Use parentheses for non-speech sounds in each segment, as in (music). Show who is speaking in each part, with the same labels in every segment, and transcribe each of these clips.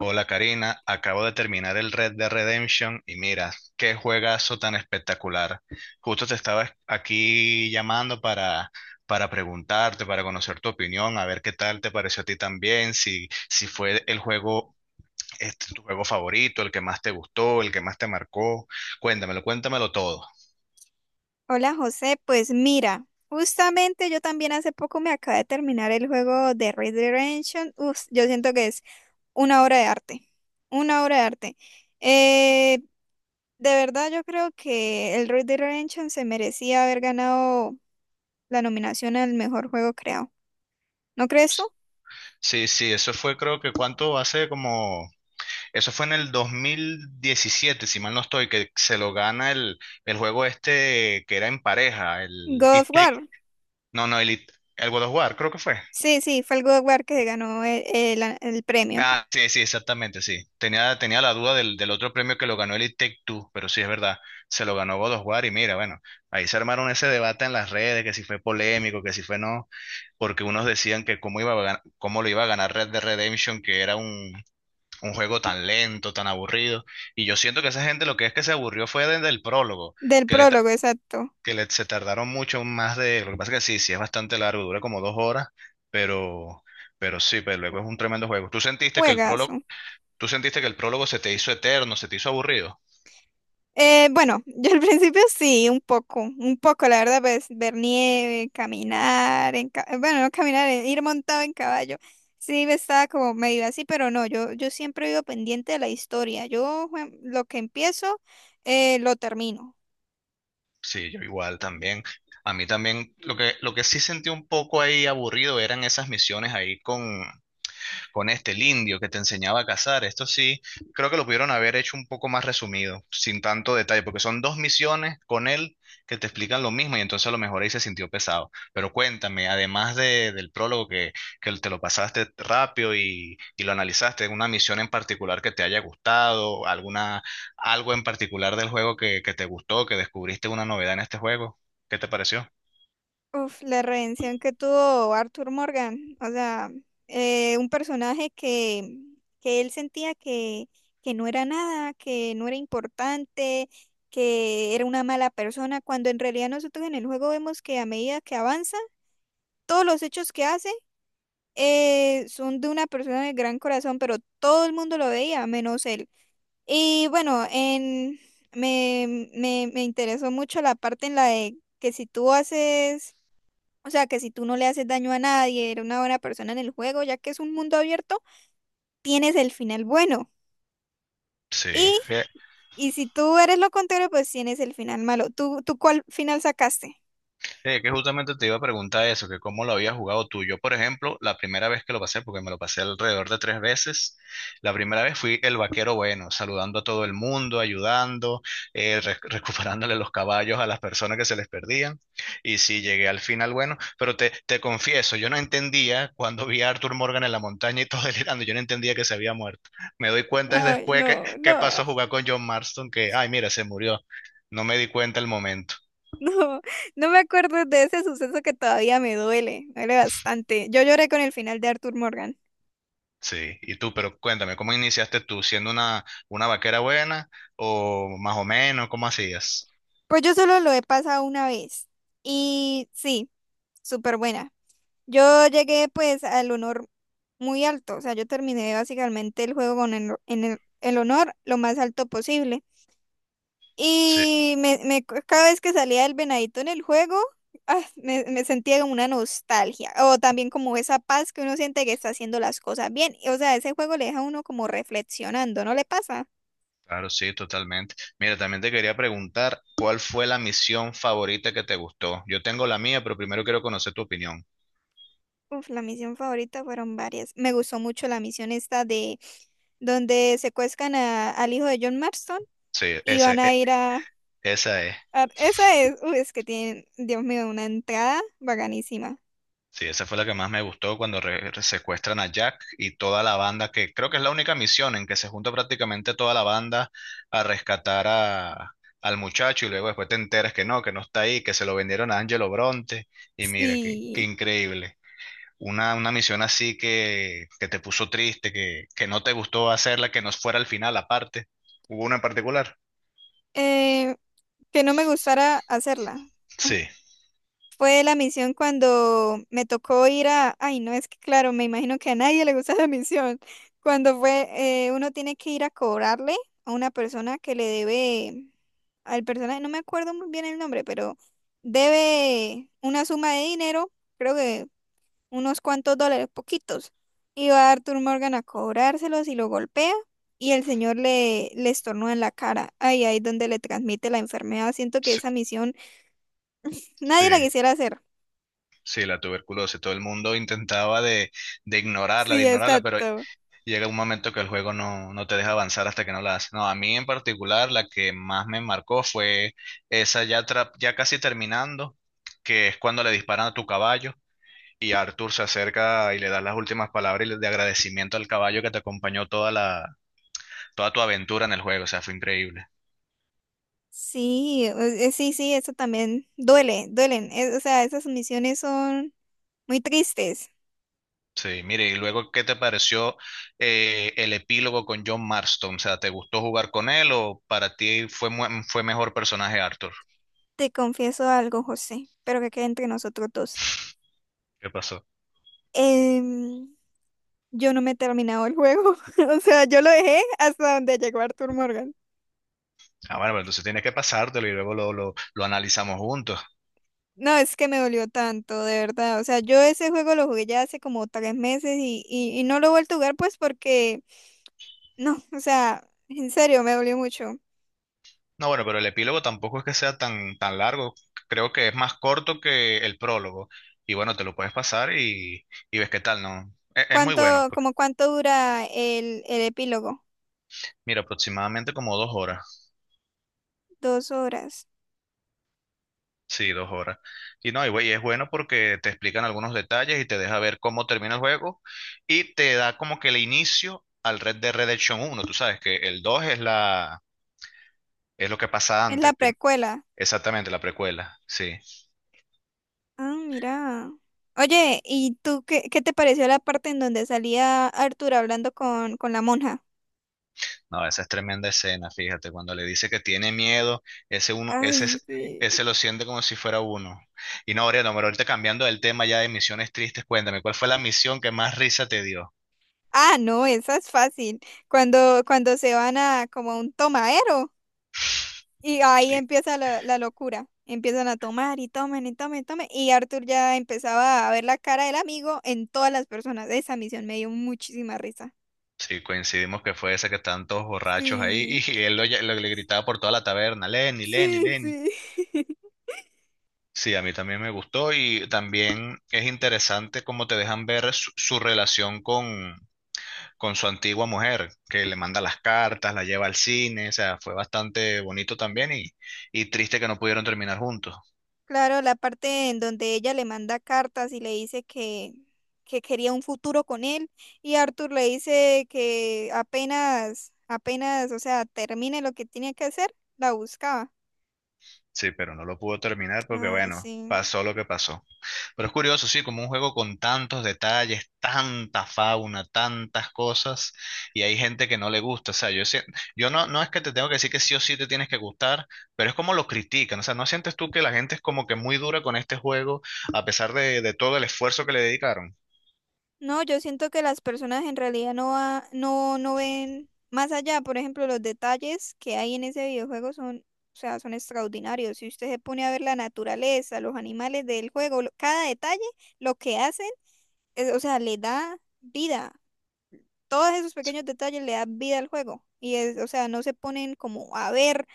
Speaker 1: Hola Karina, acabo de terminar el Red Dead Redemption y mira, qué juegazo tan espectacular. Justo te estaba aquí llamando para preguntarte, para conocer tu opinión, a ver qué tal te pareció a ti también, si fue el juego, este, tu juego favorito, el que más te gustó, el que más te marcó. Cuéntamelo, cuéntamelo todo.
Speaker 2: Hola José, pues mira, justamente yo también hace poco me acabé de terminar el juego de Red Dead Redemption. Uf, yo siento que es una obra de arte, una obra de arte. Eh, de verdad yo creo que el Red Dead Redemption se merecía haber ganado la nominación al mejor juego creado. ¿No crees tú?
Speaker 1: Sí, sí, eso fue, creo que cuánto hace como. Eso fue en el 2017, si mal no estoy, que se lo gana el juego este que era en pareja, el
Speaker 2: God of
Speaker 1: It Take-
Speaker 2: War.
Speaker 1: no, no, el, It- el God of War, creo que fue.
Speaker 2: Sí, sí, fue el God of War que ganó el premio.
Speaker 1: Ah, sí, sí, exactamente, sí. Tenía la duda del otro premio que lo ganó el It Take Two, pero sí es verdad, se lo ganó God of War y mira, bueno, ahí se armaron ese debate en las redes, que si fue polémico, que si fue no, porque unos decían que cómo iba a cómo lo iba a ganar Red Dead Redemption, que era un juego tan lento, tan aburrido. Y yo siento que esa gente lo que es que se aburrió fue desde el prólogo,
Speaker 2: Del
Speaker 1: que le, ta-
Speaker 2: prólogo, exacto.
Speaker 1: que le- se tardaron mucho más de. Lo que pasa es que sí, sí es bastante largo, dura como dos horas, pero, pero sí, pero luego es un tremendo juego. ¿Tú sentiste que el
Speaker 2: Juegazo.
Speaker 1: prólogo se te hizo eterno, se te hizo aburrido?
Speaker 2: Bueno, (laughs) yo al principio sí, un poco, la verdad, pues ver nieve, caminar, bueno, no caminar, ir montado en caballo. Sí, me estaba como medio así, pero no, yo siempre vivo pendiente de la historia. Lo que empiezo, lo termino.
Speaker 1: Sí, yo igual también. A mí también, lo que sí sentí un poco ahí aburrido eran esas misiones ahí con este, el indio que te enseñaba a cazar. Esto sí, creo que lo pudieron haber hecho un poco más resumido, sin tanto detalle, porque son dos misiones con él que te explican lo mismo y entonces a lo mejor ahí se sintió pesado. Pero cuéntame, además del prólogo que te lo pasaste rápido y lo analizaste, una misión en particular que te haya gustado, alguna, algo en particular del juego que te gustó, que descubriste una novedad en este juego, ¿qué te pareció?
Speaker 2: Uf, la redención que tuvo Arthur Morgan, o sea, un personaje que él sentía que no era nada, que no era importante, que era una mala persona, cuando en realidad nosotros en el juego vemos que a medida que avanza, todos los hechos que hace son de una persona de gran corazón, pero todo el mundo lo veía, menos él. Y bueno, me interesó mucho la parte en la de que si tú haces, o sea, que si tú no le haces daño a nadie, eres una buena persona en el juego, ya que es un mundo abierto, tienes el final bueno.
Speaker 1: Sí.
Speaker 2: Y, y si tú eres lo contrario, pues tienes el final malo. ¿Tú, tú cuál final sacaste?
Speaker 1: Sí, que justamente te iba a preguntar eso, que cómo lo habías jugado tú. Yo, por ejemplo, la primera vez que lo pasé, porque me lo pasé alrededor de tres veces, la primera vez fui el vaquero bueno, saludando a todo el mundo, ayudando, recuperándole los caballos a las personas que se les perdían. Y sí, llegué al final bueno, pero te confieso, yo no entendía cuando vi a Arthur Morgan en la montaña y todo (laughs) delirando, yo no entendía que se había muerto. Me doy cuenta es
Speaker 2: Ay,
Speaker 1: después
Speaker 2: no,
Speaker 1: que pasó
Speaker 2: no,
Speaker 1: a jugar con John Marston, que, ay, mira, se murió. No me di cuenta el momento.
Speaker 2: (laughs) no, no me acuerdo de ese suceso que todavía me duele bastante. Yo lloré con el final de Arthur Morgan.
Speaker 1: Sí, y tú, pero cuéntame, ¿cómo iniciaste tú? ¿Siendo una vaquera buena o más o menos? ¿Cómo hacías?
Speaker 2: Pues yo solo lo he pasado una vez. Y sí, súper buena. Yo llegué pues al honor muy alto. O sea, yo terminé básicamente el juego con el, en el, el honor lo más alto posible.
Speaker 1: Sí,
Speaker 2: Y cada vez que salía el venadito en el juego, ah, me sentía como una nostalgia. O también como esa paz que uno siente que está haciendo las cosas bien. O sea, ese juego le deja a uno como reflexionando, ¿no le pasa?
Speaker 1: claro, sí, totalmente. Mira, también te quería preguntar, ¿cuál fue la misión favorita que te gustó? Yo tengo la mía, pero primero quiero conocer tu opinión.
Speaker 2: Uf, la misión favorita fueron varias. Me gustó mucho la misión esta de donde secuestran a- al hijo de John Marston
Speaker 1: Sí,
Speaker 2: y van a ir a,
Speaker 1: esa es.
Speaker 2: ah, esa es, uy, es que tienen, Dios mío, una entrada bacanísima.
Speaker 1: Sí, esa fue la que más me gustó cuando secuestran a Jack y toda la banda, que creo que es la única misión en que se junta prácticamente toda la banda a rescatar a, al muchacho y luego después te enteras que no está ahí, que se lo vendieron a Angelo Bronte y mira, qué, qué
Speaker 2: Sí,
Speaker 1: increíble. Una misión así que te puso triste, que no te gustó hacerla, que no fuera al final aparte. ¿Hubo una en particular?
Speaker 2: eh, que no me gustara hacerla.
Speaker 1: Sí,
Speaker 2: Fue la misión cuando me tocó ir a, ay, no, es que claro, me imagino que a nadie le gusta (laughs) la misión. Cuando fue, uno tiene que ir a cobrarle a una persona que le debe, al personaje, no me acuerdo muy bien el nombre, pero debe una suma de dinero, creo que unos cuantos dólares, poquitos. Y va Arthur Morgan a cobrárselos y lo golpea y el señor le, le estornuda en la cara. Ahí, ahí donde le transmite la enfermedad. Siento que
Speaker 1: sí,
Speaker 2: esa misión
Speaker 1: sí,
Speaker 2: nadie la quisiera hacer.
Speaker 1: sí, la tuberculosis. Todo el mundo intentaba de ignorarla, de
Speaker 2: Sí,
Speaker 1: ignorarla, pero.
Speaker 2: exacto.
Speaker 1: Llega un momento que el juego no, no te deja avanzar hasta que no la haces. No, a mí en particular la que más me marcó fue esa ya, ya casi terminando, que es cuando le disparan a tu caballo y Arthur se acerca y le da las últimas palabras de agradecimiento al caballo que te acompañó toda toda tu aventura en el juego. O sea, fue increíble.
Speaker 2: Sí, sí, sí, eso también duele, duelen. O sea, esas misiones son muy tristes.
Speaker 1: Sí, mire, y luego, ¿qué te pareció el epílogo con John Marston? O sea, ¿te gustó jugar con él o para ti fue, fue mejor personaje Arthur?
Speaker 2: Te confieso algo, José, pero que quede entre nosotros dos.
Speaker 1: ¿Qué pasó?
Speaker 2: Em, yo no me he terminado el juego. (laughs) O sea, yo lo dejé hasta donde llegó Arthur Morgan.
Speaker 1: Ah, bueno, pero entonces tiene que pasártelo y luego lo analizamos juntos.
Speaker 2: No, es que me dolió tanto, de verdad. O sea, yo ese juego lo jugué ya hace como 3 meses y, y no lo he vuelto a jugar pues porque, (laughs) no, o sea, en serio, me dolió mucho.
Speaker 1: No, bueno, pero el epílogo tampoco es que sea tan, tan largo. Creo que es más corto que el prólogo. Y bueno, te lo puedes pasar y ves qué tal, ¿no? Es muy
Speaker 2: ¿
Speaker 1: bueno.
Speaker 2: Como cuánto dura el epílogo?
Speaker 1: Mira, aproximadamente como dos horas.
Speaker 2: 2 horas.
Speaker 1: Sí, dos horas. Y no, y, y es bueno porque te explican algunos detalles y te deja ver cómo termina el juego y te da como que el inicio al Red Dead Redemption uno. Tú sabes que el 2 es es lo que pasa
Speaker 2: Es la
Speaker 1: antes.
Speaker 2: precuela.
Speaker 1: Exactamente, la precuela, sí.
Speaker 2: Ah, mira. Oye, ¿y tú qué, qué te pareció la parte en donde salía Arthur hablando con la monja?
Speaker 1: No, esa es tremenda escena, fíjate, cuando le dice que tiene miedo, ese uno,
Speaker 2: Ay, sí.
Speaker 1: ese lo siente como si fuera uno. Y no, Oriana, pero ahorita cambiando del tema ya de misiones tristes, cuéntame, ¿cuál fue la misión que más risa te dio?
Speaker 2: Ah, no, esa es fácil. Cuando, cuando se van a como a un tomadero.
Speaker 1: (laughs)
Speaker 2: Y ahí
Speaker 1: Sí,
Speaker 2: empieza la, la locura. Empiezan a tomar y tomen y tomen y tomen. Y Arthur ya empezaba a ver la cara del amigo en todas las personas. Esa misión me dio muchísima risa.
Speaker 1: sí, coincidimos que fue esa que están todos borrachos ahí
Speaker 2: Sí,
Speaker 1: (laughs) y él le gritaba por toda la taberna, Lenny, Lenny,
Speaker 2: sí,
Speaker 1: Lenny.
Speaker 2: sí. (laughs)
Speaker 1: Sí, a mí también me gustó y también es interesante cómo te dejan ver su, su relación con su antigua mujer, que le manda las cartas, la lleva al cine, o sea, fue bastante bonito también y triste que no pudieron terminar juntos.
Speaker 2: Claro, la parte en donde ella le manda cartas y le dice que quería un futuro con él. Y Arthur le dice que apenas, apenas, o sea, termine lo que tiene que hacer, la buscaba.
Speaker 1: Sí, pero no lo pudo terminar porque,
Speaker 2: Ay,
Speaker 1: bueno,
Speaker 2: sí.
Speaker 1: pasó lo que pasó. Pero es curioso, sí, como un juego con tantos detalles, tanta fauna, tantas cosas, y hay gente que no le gusta, o sea, yo no, no es que te tengo que decir que sí o sí te tienes que gustar, pero es como lo critican, o sea, ¿no sientes tú que la gente es como que muy dura con este juego a pesar de todo el esfuerzo que le dedicaron?
Speaker 2: No, yo siento que las personas en realidad no, no, no ven más allá. Por ejemplo, los detalles que hay en ese videojuego son, o sea, son extraordinarios. Si usted se pone a ver la naturaleza, los animales del juego, cada detalle, lo que hacen, o sea, le da vida. Todos esos pequeños detalles le dan vida al juego. Y es, o sea, no se ponen como a ver,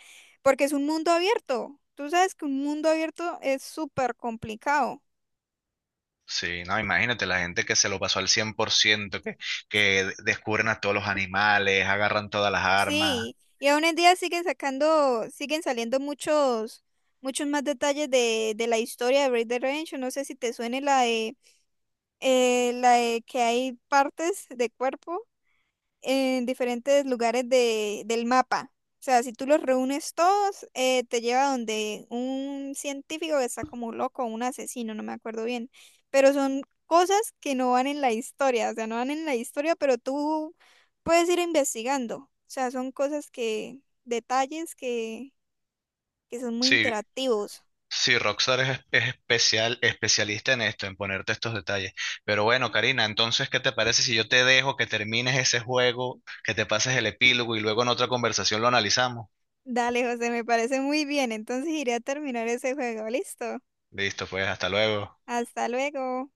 Speaker 2: porque es un mundo abierto. Tú sabes que un mundo abierto es súper complicado.
Speaker 1: Sí, no, imagínate la gente que se lo pasó al 100%, que descubren a todos los animales, agarran todas las armas.
Speaker 2: Sí, y aún en día siguen sacando, siguen saliendo muchos, muchos más detalles de la historia de Red Dead Redemption. No sé si te suene la de que hay partes de cuerpo en diferentes lugares del mapa. O sea, si tú los reúnes todos, te lleva donde un científico que está como loco, un asesino, no me acuerdo bien. Pero son cosas que no van en la historia, o sea, no van en la historia, pero tú puedes ir investigando. O sea, son cosas que, detalles que son muy
Speaker 1: Sí,
Speaker 2: interactivos.
Speaker 1: sí, Rockstar es especial, especialista en esto, en ponerte estos detalles. Pero bueno, Karina, entonces, ¿qué te parece si yo te dejo que termines ese juego, que te pases el epílogo y luego en otra conversación lo analizamos?
Speaker 2: Dale, José, me parece muy bien. Entonces iré a terminar ese juego. Listo.
Speaker 1: Listo, pues, hasta luego.
Speaker 2: Hasta luego.